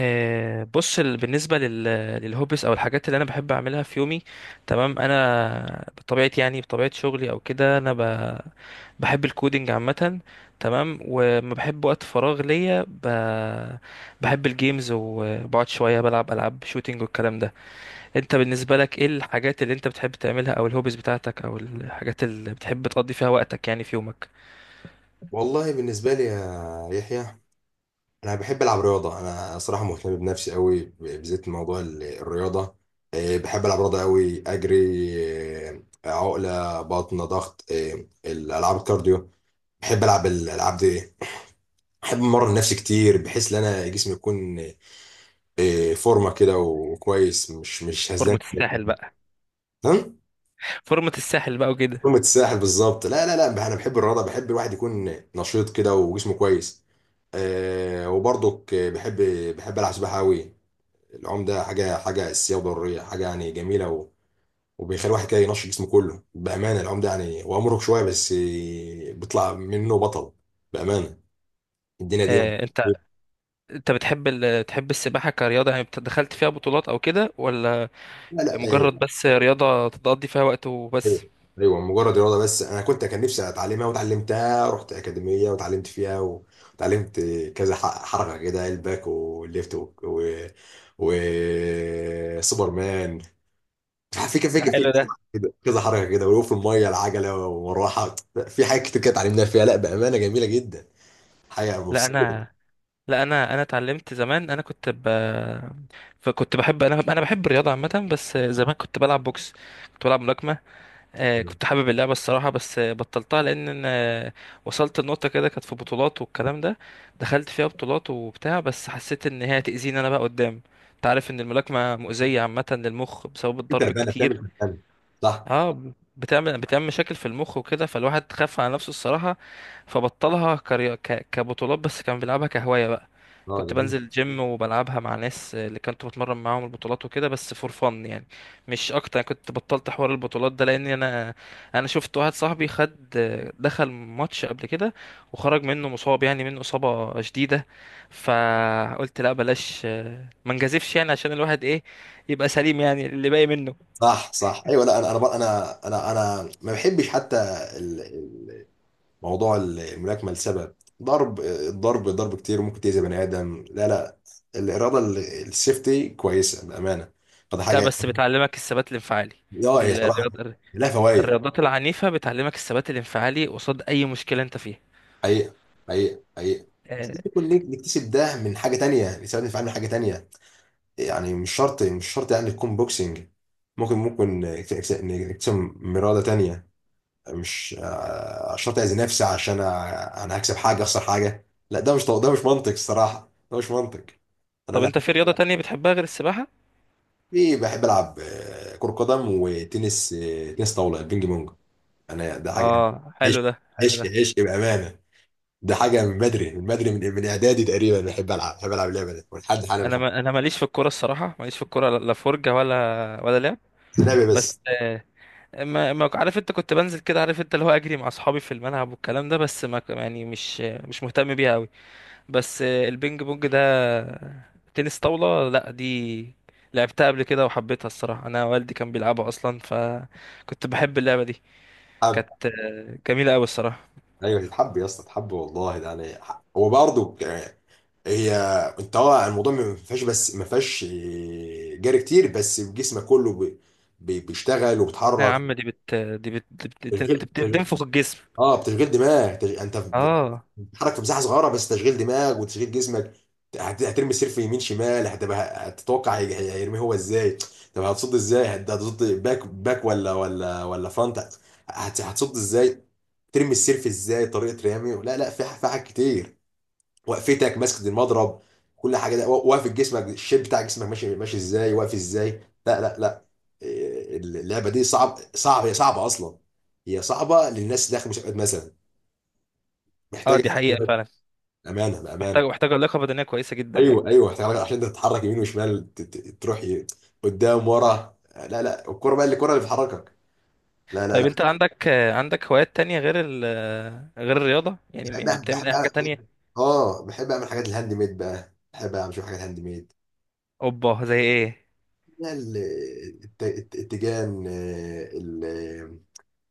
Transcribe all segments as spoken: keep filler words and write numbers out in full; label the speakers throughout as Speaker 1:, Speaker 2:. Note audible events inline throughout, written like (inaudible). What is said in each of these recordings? Speaker 1: آه، بص ال- بالنسبة لل- للهوبس أو الحاجات اللي أنا بحب أعملها في يومي. تمام، أنا بطبيعتي يعني بطبيعة شغلي أو كده أنا ب- بحب الكودينج عامة. تمام، وما بحب وقت فراغ ليا ب- بحب الجيمز وبقعد شوية بلعب ألعاب شوتينج والكلام ده. أنت بالنسبة لك إيه الحاجات اللي أنت بتحب تعملها أو الهوبس بتاعتك أو الحاجات اللي بتحب تقضي فيها وقتك يعني في يومك؟
Speaker 2: والله بالنسبة لي يا يحيى، أنا بحب ألعب رياضة. أنا صراحة مهتم بنفسي قوي، ب- بالذات موضوع ال- الرياضة. إيه، بحب ألعب رياضة قوي، أجري، إيه، عقلة بطن ضغط، إيه، الألعاب الكارديو. بحب ألعب الألعاب دي، بحب أمرن نفسي كتير بحيث إن أنا جسمي يكون إيه، فورمة كده وكويس، مش مش
Speaker 1: فورمة
Speaker 2: هزلان
Speaker 1: الساحل بقى.
Speaker 2: كده.
Speaker 1: فورمة الساحل بقى وكده.
Speaker 2: قمة الساحل بالظبط. لا لا لا، انا بحب الرياضه، بحب الواحد يكون نشيط كده وجسمه كويس. آه، وبرضك بحب بحب العب سباحه قوي. العوم ده حاجه حاجه اساسيه وضروريه، حاجه يعني جميله، و... وبيخلي الواحد كده ينشط جسمه كله بامانه. العوم ده يعني هو مرهق شويه، بس آه، بيطلع منه بطل بامانه، الدنيا دي يعني.
Speaker 1: آه، انت بتحب ال... تحب السباحة كرياضة يعني بت- دخلت فيها بطولات او كده، ولا
Speaker 2: لا لا، آه،
Speaker 1: مجرد بس رياضة تقضي فيها وقت
Speaker 2: ايوه
Speaker 1: وبس؟
Speaker 2: ايوه، مجرد رياضه بس. انا كنت، كان نفسي اتعلمها وتعلمتها، رحت اكاديميه وتعلمت فيها، و- وتعلمت كذا ح- حركه كده: الباك والليفت و... و... و... سوبرمان. في كده في
Speaker 1: ده
Speaker 2: كده في
Speaker 1: حلو ده.
Speaker 2: كده كذا حركه كده، ولو في الميه العجله والمروحه. في حاجات كتير كده اتعلمناها فيها، لا بامانه جميله جدا حاجه،
Speaker 1: لا
Speaker 2: مبسوط.
Speaker 1: انا، لا انا انا اتعلمت زمان، انا كنت ب... فكنت بحب، انا انا بحب الرياضة عامة، بس زمان كنت بلعب بوكس، كنت بلعب ملاكمة. آه، كنت حابب اللعبة الصراحة، بس آه، بطلتها لأن أنا، آه، وصلت لنقطة كده، كانت في بطولات والكلام ده، دخلت فيها بطولات وبتاع، بس حسيت إن هي هتأذيني أنا بقى قدام. أنت عارف إن الملاكمة مؤذية عامة للمخ بسبب
Speaker 2: في
Speaker 1: الضرب
Speaker 2: تربانه، بتعمل
Speaker 1: الكتير.
Speaker 2: تربانه. صح.
Speaker 1: اه، بتعمل بتعمل مشاكل في المخ وكده، فالواحد خاف على نفسه الصراحة. فبطلها كري... ك... كبطولات، بس كان بيلعبها كهواية بقى.
Speaker 2: اه
Speaker 1: كنت
Speaker 2: جميل.
Speaker 1: بنزل جيم وبلعبها مع ناس اللي كنت بتمرن معاهم البطولات وكده، بس فور فن يعني، مش اكتر. كنت بطلت حوار البطولات ده لان انا، انا شفت واحد صاحبي خد، دخل ماتش قبل كده وخرج منه مصاب، يعني منه اصابة شديدة. فقلت لا بلاش، ما نجازفش يعني، عشان الواحد ايه، يبقى سليم يعني اللي باقي منه.
Speaker 2: صح صح، ايوه. لا انا انا انا انا انا ما بحبش حتى موضوع الملاكمه، لسبب ضرب. الضرب ضرب كتير ممكن تأذي بني ادم. لا لا، الاراده، ال- السيفتي كويسه بامانه، فده
Speaker 1: لا
Speaker 2: حاجه.
Speaker 1: بس بتعلمك الثبات الانفعالي.
Speaker 2: اه هي صراحه
Speaker 1: الرياض...
Speaker 2: لها فوائد،
Speaker 1: الرياضات العنيفة بتعلمك الثبات الانفعالي قصاد أي مشكلة أنت فيها.
Speaker 2: حقيقه حقيقه حقيقه. بس
Speaker 1: آه،
Speaker 2: ممكن نك- نكتسب ده من حاجه تانية، نستفاد من فعلا حاجه تانية. يعني مش شرط مش شرط يعني تكون بوكسنج، ممكن ممكن نكتسب نكتسب من اراده تانية. مش آه، شرط اذي نفسي عشان انا، أنا هكسب حاجه اخسر حاجه. لا ده مش، ده مش منطق الصراحه، ده مش منطق. انا
Speaker 1: طب
Speaker 2: لا.
Speaker 1: أنت في رياضة تانية بتحبها غير السباحة؟
Speaker 2: في بحب العب آه، كرة قدم وتنس، آه، تنس طاولة بينج بونج. انا ده حاجة
Speaker 1: آه
Speaker 2: عشق،
Speaker 1: حلو ده، حلو
Speaker 2: عشق
Speaker 1: ده.
Speaker 2: عشق بأمانة. ده حاجة من بدري، من بدري، من من اعدادي تقريبا. بحب العب، بحب العب اللعبة دي ولحد حالا
Speaker 1: أنا
Speaker 2: بحب.
Speaker 1: ما... أنا ماليش في الكورة الصراحة، ماليش في الكورة، لا لا، فرجة ولا ولا لعب.
Speaker 2: لعبة،
Speaker 1: بس
Speaker 2: بس.
Speaker 1: آه، ما... ما عارف، أنت كنت بنزل كده، عارف، أنت اللي هو أجري مع أصحابي في الملعب والكلام ده، بس ما يعني مش مش مهتم بيها أوي. بس البينج بونج ده، تنس طاولة، لا دي لعبتها قبل كده وحبيتها الصراحة، انا والدي كان بيلعبها اصلا فكنت بحب اللعبة دي.
Speaker 2: حب.
Speaker 1: كانت جميلة قوي الصراحة.
Speaker 2: ايوه، تتحب يا اسطى، تحب والله. ده انا ح- هو برضه، آه، هي، انت، اه، الموضوع ما فيهاش، بس ما فيهاش آه، جري كتير، بس جسمك كله بي- بي- بيشتغل
Speaker 1: لا يا
Speaker 2: وبتحرك.
Speaker 1: عم، دي بت دي بت دي بت... دي بت...
Speaker 2: تشغيل،
Speaker 1: بت... بتنفخ الجسم.
Speaker 2: اه بتشغيل دماغ. تش... انت ب-
Speaker 1: اه.
Speaker 2: بتتحرك في مساحه صغيره، بس تشغيل دماغ وتشغيل جسمك. هت... هترمي السير في يمين شمال، هتبقى هتتوقع هي- هي- هيرميه هو ازاي. طب هتصد ازاي؟ هت- هتصد باك باك ولا ولا ولا فرونت. هت... هتصد ازاي، ترمي السير في ازاي، طريقه رمي. لا لا في ح- في حاجات كتير. وقفتك ماسكه المضرب، كل حاجه ده، و- واقف جسمك، الشيب بتاع جسمك ماشي، ماشي ازاي، واقف ازاي. لا لا لا، إيه، اللعبه دي صعب صعب، هي صعبه اصلا، هي صعبه للناس اللي داخل مسابقات مثلا،
Speaker 1: اه
Speaker 2: محتاج
Speaker 1: دي حقيقة
Speaker 2: استثمارات
Speaker 1: فعلا.
Speaker 2: امانه بامانه.
Speaker 1: محتاج محتاجة لياقة بدنية كويسة جدا يعني.
Speaker 2: ايوه ايوه محتاج، عشان انت تتحرك يمين وشمال، ت- ت- تروح ي- قدام ورا. لا لا، الكوره بقى اللي الكوره اللي بتحركك. لا لا
Speaker 1: طيب
Speaker 2: لا.
Speaker 1: انت عندك عندك هوايات تانية غير ال غير الرياضة، يعني يعني
Speaker 2: بحب بحب
Speaker 1: بتعمل اي حاجة
Speaker 2: أعمل-
Speaker 1: تانية؟
Speaker 2: اه بحب اعمل حاجات الهاند ميد بقى، بحب اعمل شويه حاجات هاند ميد.
Speaker 1: اوبا، زي ايه؟
Speaker 2: لا ال- الت- الت- التيجان، آه، ال-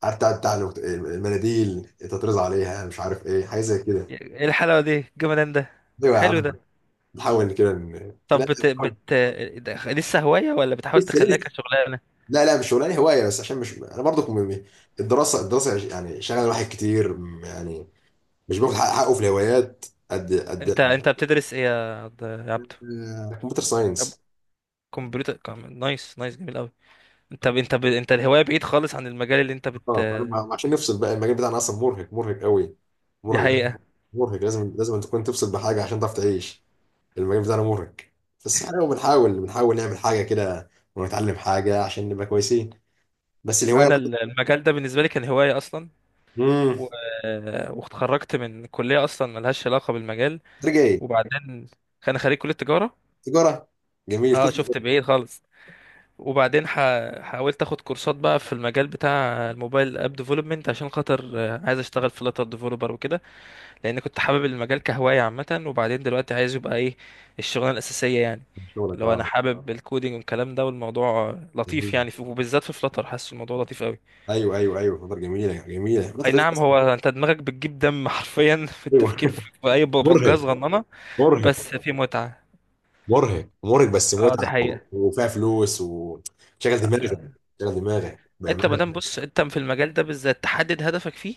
Speaker 2: عارف، بتاع بتاع الوقت- المناديل تطرز عليها، مش عارف ايه، حاجه زي كده.
Speaker 1: ايه الحلاوة دي، الجمدان ده؟
Speaker 2: ايوه يا
Speaker 1: حلو
Speaker 2: عم.
Speaker 1: ده.
Speaker 2: نحاول كده، ن-
Speaker 1: طب
Speaker 2: لا.
Speaker 1: بت... بت... ده لسه هواية ولا بتحاول
Speaker 2: لسه
Speaker 1: تخليها
Speaker 2: لسه.
Speaker 1: كشغلانة؟
Speaker 2: لا لا مش شغلانه، هوايه بس، عشان مش انا برضو م- م- الدراسه، الدراسه يعني شغل الواحد كتير، م- يعني مش باخد حق- حقه في الهوايات قد
Speaker 1: انت
Speaker 2: قد.
Speaker 1: انت بتدرس ايه يا عبد، يا عبدو؟
Speaker 2: كمبيوتر
Speaker 1: طب
Speaker 2: ساينس.
Speaker 1: كمبيوتر، كم- نايس نايس، جميل قوي. انت ب... انت ب... انت الهواية بعيد خالص عن المجال اللي انت بت
Speaker 2: اه أنا عشان نفصل بقى، المجال بتاعنا اصلا مرهق، مرهق قوي.
Speaker 1: دي
Speaker 2: مرهق.
Speaker 1: حقيقة.
Speaker 2: مرهق، لازم لازم تكون تفصل بحاجه عشان تعرف تعيش. المجال بتاعنا مرهق، بس احنا بنحاول بنحاول نعمل حاجه كده ونتعلم حاجه عشان نبقى كويسين. بس الهوايه
Speaker 1: انا
Speaker 2: برضو...
Speaker 1: ال- المجال ده بالنسبة لي كان هواية اصلا،
Speaker 2: امم
Speaker 1: و... واتخرجت من كلية اصلا ملهاش علاقة بالمجال.
Speaker 2: ترجع ايه؟
Speaker 1: وبعدين انا خريج كلية تجارة.
Speaker 2: تجاره، جميل
Speaker 1: اه
Speaker 2: قسم.
Speaker 1: شفت، بعيد خالص. وبعدين ح... حاولت اخد كورسات بقى في المجال بتاع الموبايل اب ديفلوبمنت، عشان خاطر آه، عايز اشتغل فلاتر ديفلوبر وكده، لان كنت حابب المجال كهوايه عامه، وبعدين دلوقتي عايز يبقى ايه، الشغلانه الاساسيه يعني.
Speaker 2: شغلك،
Speaker 1: لو
Speaker 2: اه،
Speaker 1: انا حابب الكودينج والكلام ده، والموضوع لطيف
Speaker 2: جميل.
Speaker 1: يعني في- وبالذات في فلاتر حاسس الموضوع لطيف قوي.
Speaker 2: ايوه ايوه ايوه، فتره جميله، جميله
Speaker 1: اي
Speaker 2: فتره، رزق
Speaker 1: نعم،
Speaker 2: أصلاً.
Speaker 1: هو انت دماغك بتجيب دم (laughs) حرفيا في
Speaker 2: ايوه
Speaker 1: التفكير
Speaker 2: (laughs)
Speaker 1: في اي ببجاز
Speaker 2: مرهق
Speaker 1: صغننه.
Speaker 2: مرهق.
Speaker 1: بس في متعه.
Speaker 2: مرهق مرهق بس
Speaker 1: اه دي
Speaker 2: متعه، و-
Speaker 1: حقيقه.
Speaker 2: وفيها فلوس وشغل دماغك، شغل دماغك
Speaker 1: انت
Speaker 2: بامانه.
Speaker 1: مادام، بص، انت في المجال ده بالذات تحدد هدفك فيه،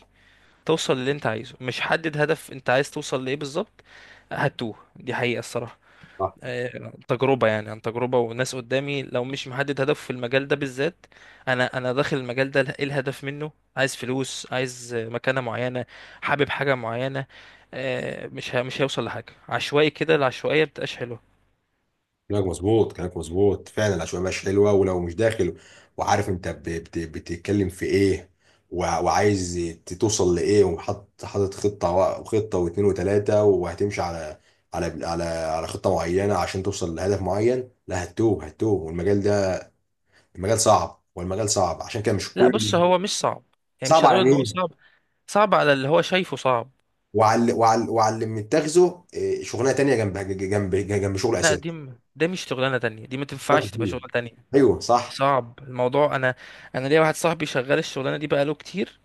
Speaker 1: توصل للي انت عايزه، مش حدد هدف انت عايز توصل لايه بالظبط، هتوه، دي حقيقه الصراحه.
Speaker 2: صح.
Speaker 1: آه، تجربة يعني، عن تجربة وناس قدامي، لو مش محدد هدف في المجال ده بالذات، انا انا داخل المجال ده ايه الهدف منه، عايز فلوس، عايز آه، مكانة معينة، حابب حاجة معينة، آه، مش ه- مش هيوصل لحاجة، عشوائي كده العشوائية بتبقاش حلوة.
Speaker 2: كلامك مظبوط، كلامك مظبوط فعلا. العشوائيه مش حلوه، ولو مش داخل وعارف انت ب- بت- بتتكلم في ايه، وع- وعايز ت- توصل لايه، وحاطط، حاطط خطه و- وخطه واثنين وثلاثه، وهتمشي على على على على خطه معينه عشان توصل لهدف معين. لا هتوه، هتوه. والمجال ده، المجال صعب، والمجال صعب، عشان كده مش
Speaker 1: لا بص
Speaker 2: كل...
Speaker 1: هو مش صعب، يعني
Speaker 2: صعب
Speaker 1: مش هنقول
Speaker 2: على
Speaker 1: ان هو
Speaker 2: مين؟
Speaker 1: صعب، صعب على اللي هو شايفه صعب.
Speaker 2: وعلى وعلى وعلى اللي متاخذه إيه، شغلانه تانية جنب جنب جنب شغل
Speaker 1: لا
Speaker 2: اساسي،
Speaker 1: دي م- ده مش شغلانة تانية، دي ما
Speaker 2: وقت
Speaker 1: تنفعش تبقى
Speaker 2: كتير.
Speaker 1: شغلانة تانية.
Speaker 2: ايوه
Speaker 1: دي
Speaker 2: صح.
Speaker 1: صعب الموضوع. انا، انا ليا واحد صاحبي شغال الشغلانة دي بقاله كتير،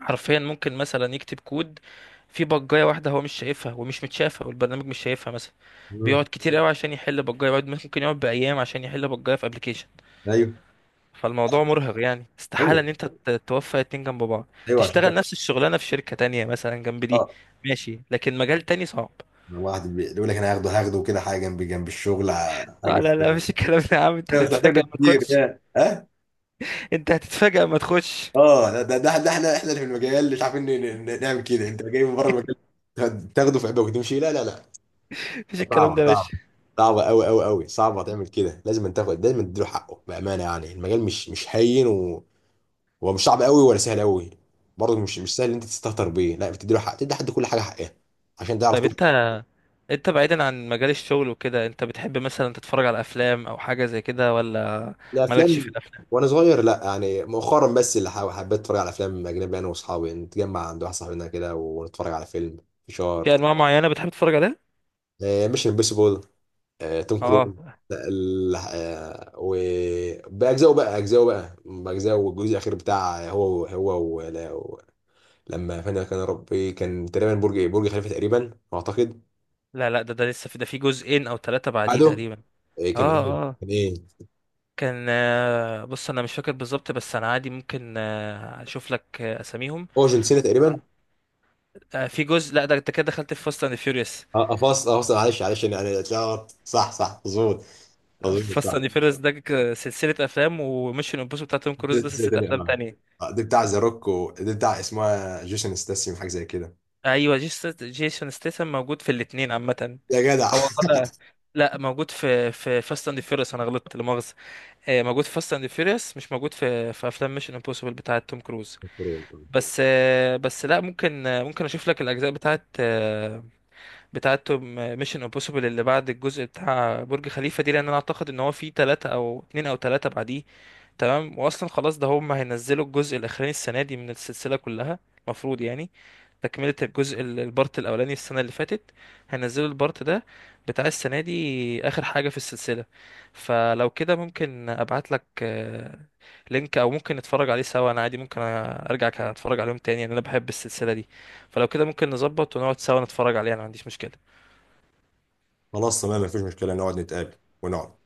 Speaker 1: حرفيا ممكن مثلا يكتب كود في بجاية واحدة هو مش شايفها ومش متشافة، والبرنامج مش شايفها مثلا، بيقعد
Speaker 2: مم.
Speaker 1: كتير قوي عشان يحل بجاية، بيقعد ممكن يقعد بأيام عشان يحل بجاية في ابلكيشن.
Speaker 2: ايوه
Speaker 1: فالموضوع مرهق يعني، استحالة
Speaker 2: ايوه
Speaker 1: ان انت ت- توفق اتنين جنب بعض،
Speaker 2: ايوه، عشان
Speaker 1: تشتغل
Speaker 2: كده،
Speaker 1: نفس الشغلانة في شركة تانية مثلا جنب دي،
Speaker 2: اه.
Speaker 1: ماشي، لكن مجال تاني صعب.
Speaker 2: واحد بي- بيقول لك انا هاخده، هاخده كده حاجه جنب جنب الشغل، ع-
Speaker 1: لا
Speaker 2: حاجه
Speaker 1: لا لا
Speaker 2: كتير.
Speaker 1: مفيش الكلام ده يا عم، انت
Speaker 2: انا مش محتاج
Speaker 1: هتتفاجئ
Speaker 2: ناس
Speaker 1: ما
Speaker 2: كتير،
Speaker 1: تخش.
Speaker 2: يا، اه.
Speaker 1: انت هتتفاجئ ما تخش،
Speaker 2: اه ده ده ده ده احنا احنا اللي في المجال مش عارفين ن- ن- نعمل كده، انت جاي من بره المجال تاخده في عبء وتمشي؟ لا لا لا.
Speaker 1: مفيش الكلام ده
Speaker 2: صعبة
Speaker 1: يا
Speaker 2: صعبة.
Speaker 1: باشا.
Speaker 2: صعبة أوي أوي أوي، صعبة تعمل كده، لازم تاخد، لازم تديله حقه بأمانة، يعني المجال مش مش هين، و... هو مش صعب أوي ولا سهل أوي، برضه مش مش سهل إن أنت تستهتر بيه. لا، بتديله حق، تدي حد كل حاجة حقها عشان تعرف
Speaker 1: طيب
Speaker 2: تخرج.
Speaker 1: انت، انت بعيدا عن مجال الشغل وكده، انت بتحب مثلا تتفرج على افلام او حاجه زي كده، ولا مالكش في
Speaker 2: الأفلام
Speaker 1: الافلام؟
Speaker 2: وأنا صغير، لا. يعني مؤخرا بس اللي حا- حبيت أتفرج على أفلام أجنبي، أنا وأصحابي نتجمع عند واحد صاحبنا كده ونتفرج على فيلم فشار.
Speaker 1: في انواع معينه بتحب تتفرج عليها؟
Speaker 2: مش امبوسيبل، آه، توم كروز.
Speaker 1: اه.
Speaker 2: لا، ال- آه، وبأجزائه بقى، أجزائه بقى بأجزائه. والجزء الأخير بتاع، هو هو ولا- و... لما فانا كان ربي، كان تقريبا برج إيه، برج خليفة تقريبا أعتقد.
Speaker 1: لا لا، ده ده لسه في ده في جزئين او ثلاثه بعديه
Speaker 2: بعده
Speaker 1: تقريبا.
Speaker 2: آه، كان
Speaker 1: اه.
Speaker 2: إيه؟
Speaker 1: اه
Speaker 2: كان إيه
Speaker 1: كان، آه، بص انا مش فاكر بالظبط، بس انا عادي ممكن آه، اشوف لك آه، اساميهم.
Speaker 2: هو جون سينا تقريبا.
Speaker 1: آه، في جزء، لا ده انت كده دخلت في فاست اند فيوريوس.
Speaker 2: اه افصل افصل، معلش معلش، انا أنا اتلخبط. صح صح، مظبوط، مظبوط صح.
Speaker 1: فاست اند فيوريوس ده ك- سلسله افلام، وميشن امبوسيبل بتاعت توم كروز ده
Speaker 2: سنة
Speaker 1: سلسله
Speaker 2: تانية،
Speaker 1: افلام
Speaker 2: اه،
Speaker 1: تانية.
Speaker 2: آه، دي بتاع ذا روك، ودي بتاع اسمها جيسون ستاسيوم، حاجة زي كده.
Speaker 1: ايوه، جيس- جيسون ستيسن موجود في الاثنين عامه.
Speaker 2: يا جدع
Speaker 1: هو طلع، لا موجود في في فاست اند فيوريوس، انا غلطت لا مؤاخذه. آه، موجود في فاست اند فيوريوس مش موجود في في افلام ميشن امبوسيبل بتاعه توم كروز.
Speaker 2: (laughs)
Speaker 1: بس آه، بس لا، ممكن، آه، ممكن اشوف لك الاجزاء بتاعه، آه، بتاعتهم، ميشن امبوسيبل اللي بعد الجزء بتاع برج خليفة دي، لان انا اعتقد ان هو في تلاتة او اتنين او تلاتة بعديه. تمام، واصلا خلاص ده هم هينزلوا الجزء الاخراني السنة دي من السلسلة كلها المفروض يعني، تكملة الجزء ال- البارت الاولاني السنة اللي فاتت، هينزلوا البارت ده بتاع السنة دي اخر حاجة في السلسلة. فلو كده ممكن ابعت لك آه، لينك، او ممكن نتفرج عليه سوا، انا عادي ممكن ارجع اتفرج عليهم تاني يعني، انا بحب السلسلة دي. فلو كده ممكن نظبط ونقعد سوا نتفرج عليه، انا ما عنديش مشكلة.
Speaker 2: خلاص تمام، مفيش مشكلة، نقعد نتقابل ونقعد.